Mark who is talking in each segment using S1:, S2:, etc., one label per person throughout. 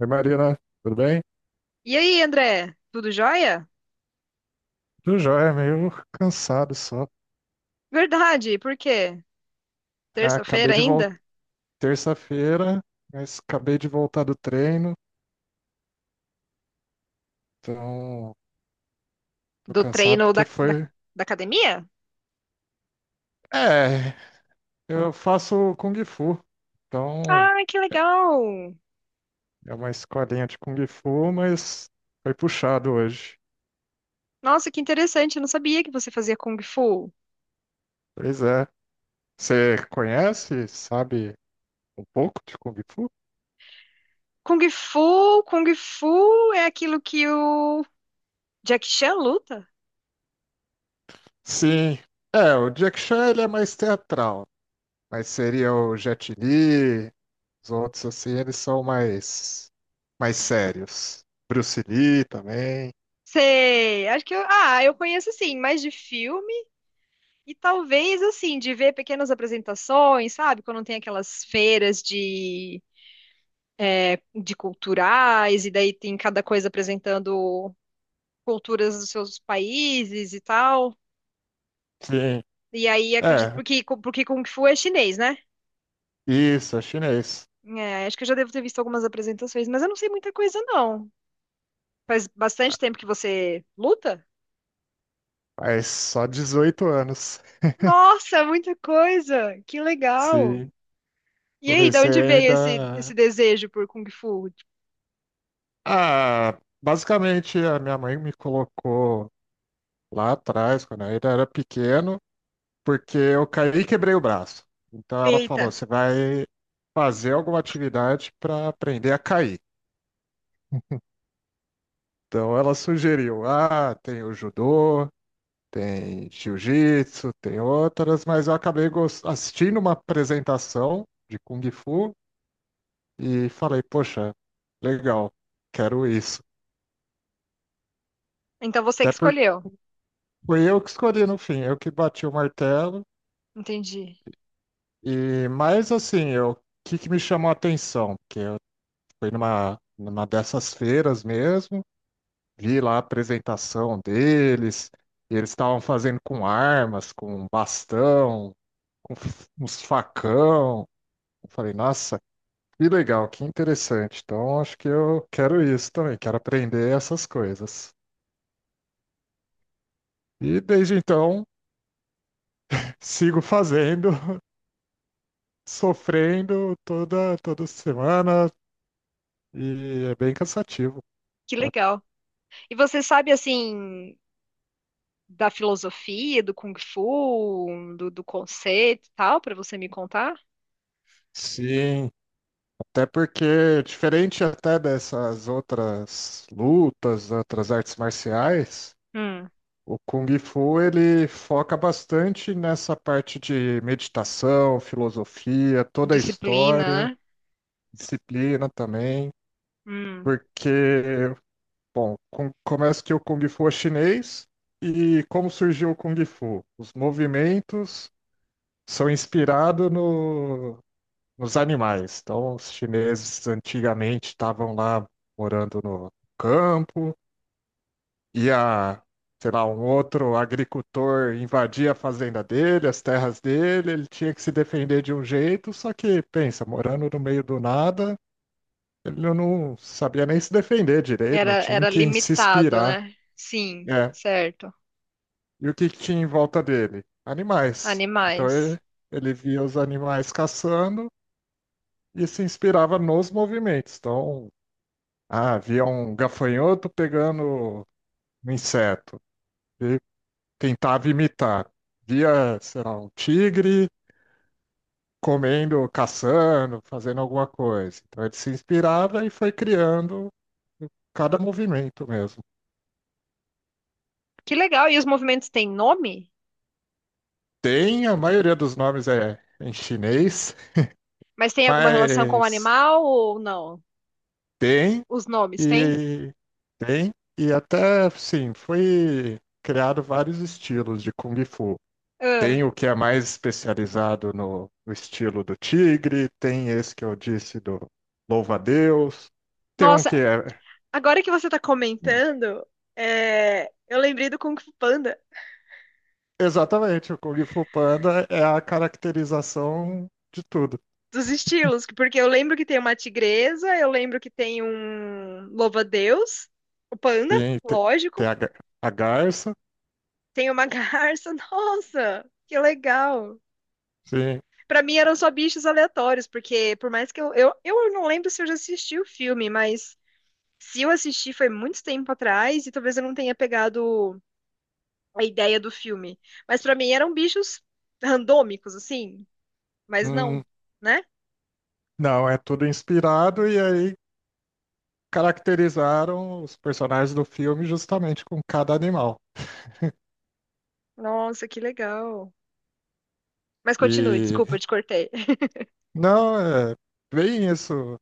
S1: Oi, Marina, tudo bem?
S2: E aí, André? Tudo jóia?
S1: Tudo jóia, meio cansado só.
S2: Verdade, por quê?
S1: Ah, acabei
S2: Terça-feira
S1: de voltar
S2: ainda?
S1: terça-feira, mas acabei de voltar do treino, então tô
S2: Do
S1: cansado
S2: treino
S1: porque foi.
S2: da academia?
S1: É, eu faço Kung Fu, então
S2: Ah, que legal!
S1: é uma escolinha de Kung Fu, mas foi puxado hoje.
S2: Nossa, que interessante, eu não sabia que você fazia Kung Fu.
S1: Pois é. Você conhece, sabe um pouco de Kung Fu?
S2: Kung Fu, Kung Fu é aquilo que o Jackie Chan luta?
S1: Sim. É, o Jack Chan ele é mais teatral, mas seria o Jet Li. Os outros, assim, eles são mais sérios. Bruce Lee também.
S2: Sei, acho que eu, ah, eu conheço sim, mais de filme e talvez assim, de ver pequenas apresentações, sabe? Quando tem aquelas feiras de culturais e daí tem cada coisa apresentando culturas dos seus países e tal.
S1: Sim.
S2: E aí acredito
S1: É,
S2: porque Kung Fu é chinês, né?
S1: isso, é chinês.
S2: É, acho que eu já devo ter visto algumas apresentações, mas eu não sei muita coisa não. Faz bastante tempo que você luta?
S1: Mas só 18 anos.
S2: Nossa, muita coisa. Que legal.
S1: Sim.
S2: E aí, da onde
S1: Comecei
S2: veio
S1: ainda.
S2: esse desejo por Kung Fu?
S1: Ah, basicamente a minha mãe me colocou lá atrás, quando eu ainda era pequeno, porque eu caí e quebrei o braço. Então ela falou:
S2: Eita.
S1: você vai fazer alguma atividade para aprender a cair. Então ela sugeriu: ah, tem o judô, tem jiu-jitsu, tem outras, mas eu acabei assistindo uma apresentação de Kung Fu e falei, poxa, legal, quero isso.
S2: Então você
S1: Até
S2: que
S1: porque
S2: escolheu.
S1: foi eu que escolhi no fim, eu que bati o martelo.
S2: Entendi.
S1: E mais assim, o que me chamou a atenção? Porque eu fui numa dessas feiras mesmo, vi lá a apresentação deles, e eles estavam fazendo com armas, com bastão, com uns facão. Eu falei, nossa, que legal, que interessante. Então, acho que eu quero isso também, quero aprender essas coisas. E desde então, sigo fazendo, sofrendo toda semana, e é bem cansativo.
S2: Que
S1: Tá?
S2: legal. E você sabe assim da filosofia do Kung Fu, do conceito e tal, para você me contar?
S1: Sim, até porque, diferente até dessas outras lutas, outras artes marciais,
S2: Hum.
S1: o Kung Fu ele foca bastante nessa parte de meditação, filosofia, toda a
S2: Disciplina,
S1: história,
S2: né?
S1: disciplina também.
S2: Hum,
S1: Porque, bom, começa que o Kung Fu é chinês e como surgiu o Kung Fu? Os movimentos são inspirados no, nos animais. Então, os chineses antigamente estavam lá morando no campo, ia, sei lá, um outro agricultor invadia a fazenda dele, as terras dele, ele tinha que se defender de um jeito, só que, pensa, morando no meio do nada. Ele não sabia nem se defender direito, não tinha em
S2: era
S1: quem se
S2: limitado,
S1: inspirar.
S2: né? Sim,
S1: É.
S2: certo.
S1: E o que que tinha em volta dele? Animais. Então ele,
S2: Animais.
S1: ele via os animais caçando e se inspirava nos movimentos. Então, ah, via um gafanhoto pegando um inseto e tentava imitar. Via, sei lá, um tigre comendo, caçando, fazendo alguma coisa. Então ele se inspirava e foi criando cada movimento mesmo.
S2: Que legal. E os movimentos têm nome?
S1: Tem, a maioria dos nomes é em chinês,
S2: Mas tem alguma relação com o
S1: mas
S2: animal ou não?
S1: tem
S2: Os nomes têm?
S1: e tem e até sim, foi criado vários estilos de Kung Fu.
S2: Ah,
S1: Tem o que é mais especializado no estilo do tigre, tem esse que eu disse do louva-a-Deus, tem um que
S2: nossa,
S1: é
S2: agora que você tá comentando, é, eu lembrei do Kung Fu Panda,
S1: exatamente o Kung Fu Panda é a caracterização de tudo.
S2: dos estilos, porque eu lembro que tem uma tigresa, eu lembro que tem um louva-a-Deus, o panda,
S1: Sim, tem
S2: lógico,
S1: a garça,
S2: tem uma garça, nossa, que legal.
S1: sim.
S2: Pra mim eram só bichos aleatórios, porque por mais que eu. Eu não lembro se eu já assisti o filme, mas se eu assisti foi muito tempo atrás e talvez eu não tenha pegado a ideia do filme. Mas pra mim eram bichos randômicos, assim. Mas não,
S1: hum,
S2: né?
S1: Não, é tudo inspirado e aí caracterizaram os personagens do filme justamente com cada animal.
S2: Nossa, que legal. Mas continue,
S1: E
S2: desculpa, eu te cortei.
S1: não, é bem isso.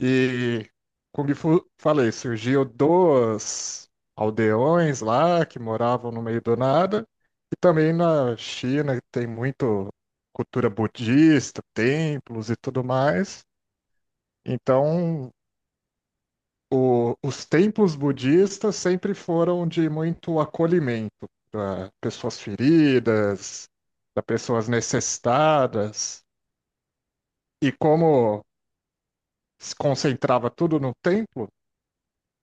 S1: E como falei, surgiu dois aldeões lá que moravam no meio do nada. E também na China tem muito cultura budista, templos e tudo mais. Então os templos budistas sempre foram de muito acolhimento para pessoas feridas, para pessoas necessitadas. E como se concentrava tudo no templo,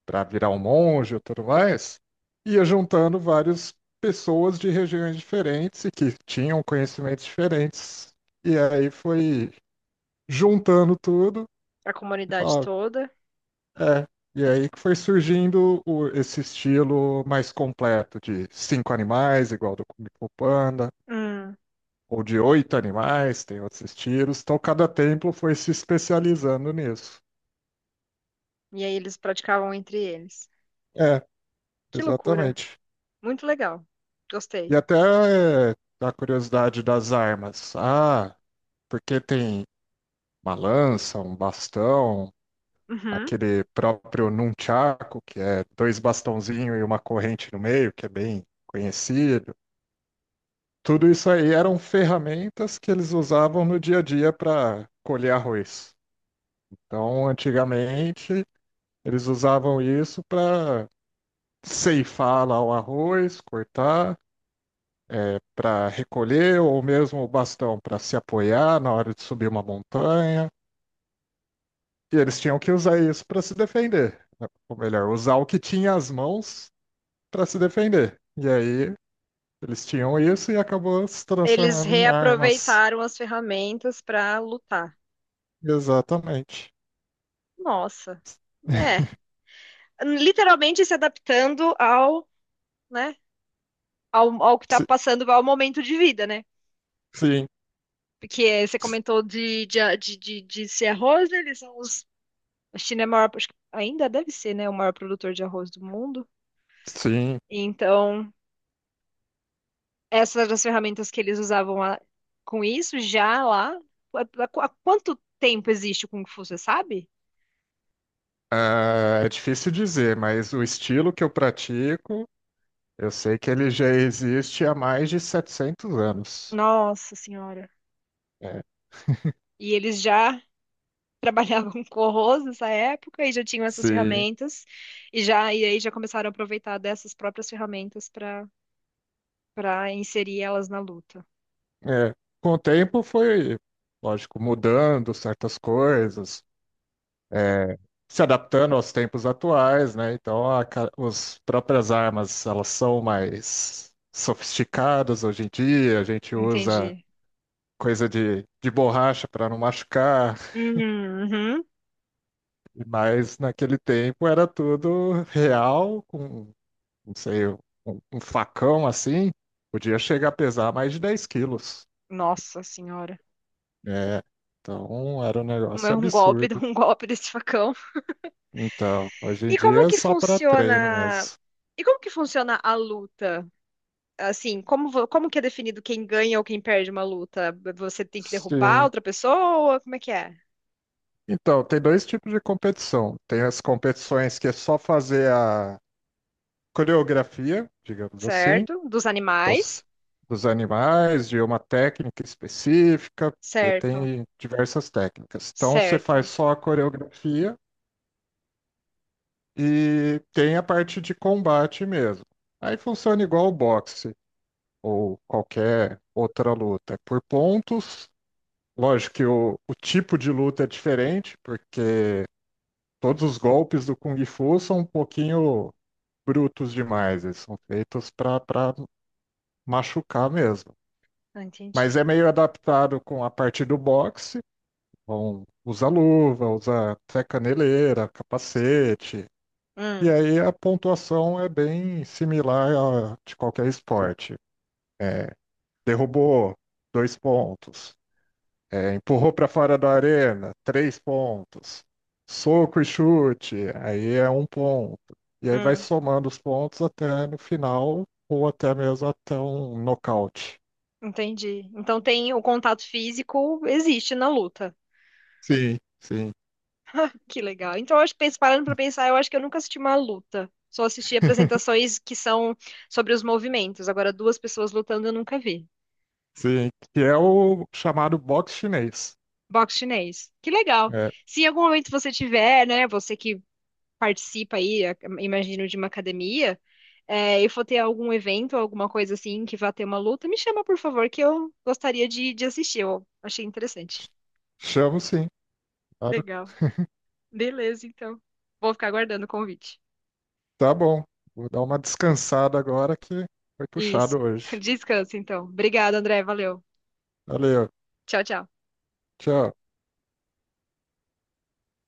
S1: para virar um monge e tudo mais, ia juntando várias pessoas de regiões diferentes e que tinham conhecimentos diferentes. E aí foi juntando tudo
S2: A
S1: e
S2: comunidade
S1: falava,
S2: toda.
S1: é, e aí que foi surgindo esse estilo mais completo de cinco animais, igual do Kung Fu Panda,
S2: Hum,
S1: ou de oito animais, tem outros estilos. Então cada templo foi se especializando nisso.
S2: e aí eles praticavam entre eles.
S1: É,
S2: Que loucura.
S1: exatamente.
S2: Muito legal.
S1: E
S2: Gostei.
S1: até é, da curiosidade das armas. Ah, porque tem uma lança, um bastão,
S2: Uhum.
S1: aquele próprio nunchaku, que é dois bastãozinhos e uma corrente no meio, que é bem conhecido. Tudo isso aí eram ferramentas que eles usavam no dia a dia para colher arroz. Então, antigamente, eles usavam isso para ceifar lá o arroz, cortar, para recolher, ou mesmo o bastão para se apoiar na hora de subir uma montanha. E eles tinham que usar isso para se defender, né? Ou melhor, usar o que tinha as mãos para se defender. E aí, eles tinham isso e acabou se
S2: Eles
S1: transformando em armas.
S2: reaproveitaram as ferramentas pra lutar.
S1: Exatamente.
S2: Nossa, né? Literalmente se adaptando ao, né? Ao que está
S1: Si-
S2: passando, ao momento de vida, né?
S1: Sim,
S2: Porque eh, você
S1: s-
S2: comentou de ser arroz, né? Eles são os. A China é o maior, acho que ainda deve ser, né? O maior produtor de arroz do mundo.
S1: sim.
S2: Então, essas eram as ferramentas que eles usavam lá, com isso já lá. Há, há quanto tempo existe o Kung Fu, você sabe?
S1: Ah, é difícil dizer, mas o estilo que eu pratico, eu sei que ele já existe há mais de 700 anos.
S2: Nossa Senhora.
S1: É,
S2: E eles já trabalhava com co nessa época e já tinham essas
S1: sim.
S2: ferramentas e já e aí já começaram a aproveitar dessas próprias ferramentas para inserir elas na luta.
S1: É. Com o tempo foi, lógico, mudando certas coisas, é, se adaptando aos tempos atuais, né? Então, as próprias armas, elas são mais sofisticadas hoje em dia, a gente usa
S2: Entendi.
S1: coisa de borracha para não machucar.
S2: Uhum.
S1: Mas naquele tempo era tudo real, com, não sei, um, facão assim, podia chegar a pesar mais de 10 quilos.
S2: Nossa senhora.
S1: É, então era um
S2: Um
S1: negócio
S2: um golpe,
S1: absurdo.
S2: um golpe desse facão.
S1: Então, hoje em
S2: E
S1: dia
S2: como
S1: é
S2: que
S1: só para treino
S2: funciona?
S1: mesmo.
S2: E como que funciona a luta? Assim, como, vo- como que é definido quem ganha ou quem perde uma luta? Você tem que derrubar
S1: Sim.
S2: outra pessoa? Como é que é?
S1: Então, tem dois tipos de competição. Tem as competições que é só fazer a coreografia, digamos assim,
S2: Certo? Dos
S1: então,
S2: animais?
S1: dos animais, de uma técnica específica, e
S2: Certo,
S1: tem diversas técnicas. Então, você faz
S2: certo.
S1: só a coreografia e tem a parte de combate mesmo. Aí funciona igual o boxe ou qualquer outra luta. É por pontos. Lógico que o tipo de luta é diferente, porque todos os golpes do Kung Fu são um pouquinho brutos demais. Eles são feitos para machucar mesmo.
S2: Ah,
S1: Mas
S2: entendi.
S1: é meio adaptado com a parte do boxe. Vão, usar luva, usar até caneleira, capacete. E
S2: Hum,
S1: aí a pontuação é bem similar a de qualquer esporte. É, derrubou, dois pontos. É, empurrou para fora da arena, três pontos. Soco e chute, aí é um ponto. E aí vai
S2: hum,
S1: somando os pontos até no final, ou até mesmo até um nocaute.
S2: entendi. Então tem o contato físico existe na luta.
S1: Sim, sim.
S2: Que legal. Então eu acho que penso- parando para pensar, eu acho que eu nunca assisti uma luta. Só assisti apresentações que são sobre os movimentos. Agora duas pessoas lutando eu nunca vi.
S1: Sim, que é o chamado box chinês.
S2: Boxe chinês. Que legal.
S1: É,
S2: Se em algum momento você tiver, né, você que participa aí, a- imagino, de uma academia, é, e for ter algum evento, alguma coisa assim que vá ter uma luta, me chama, por favor, que eu gostaria de assistir. Eu achei interessante.
S1: ch- chamo sim, claro.
S2: Legal. Beleza, então. Vou ficar aguardando o convite.
S1: Tá bom. Vou dar uma descansada agora que foi
S2: Isso.
S1: puxado hoje.
S2: Descansa, então. Obrigada, André. Valeu.
S1: Valeu,
S2: Tchau, tchau.
S1: tchau.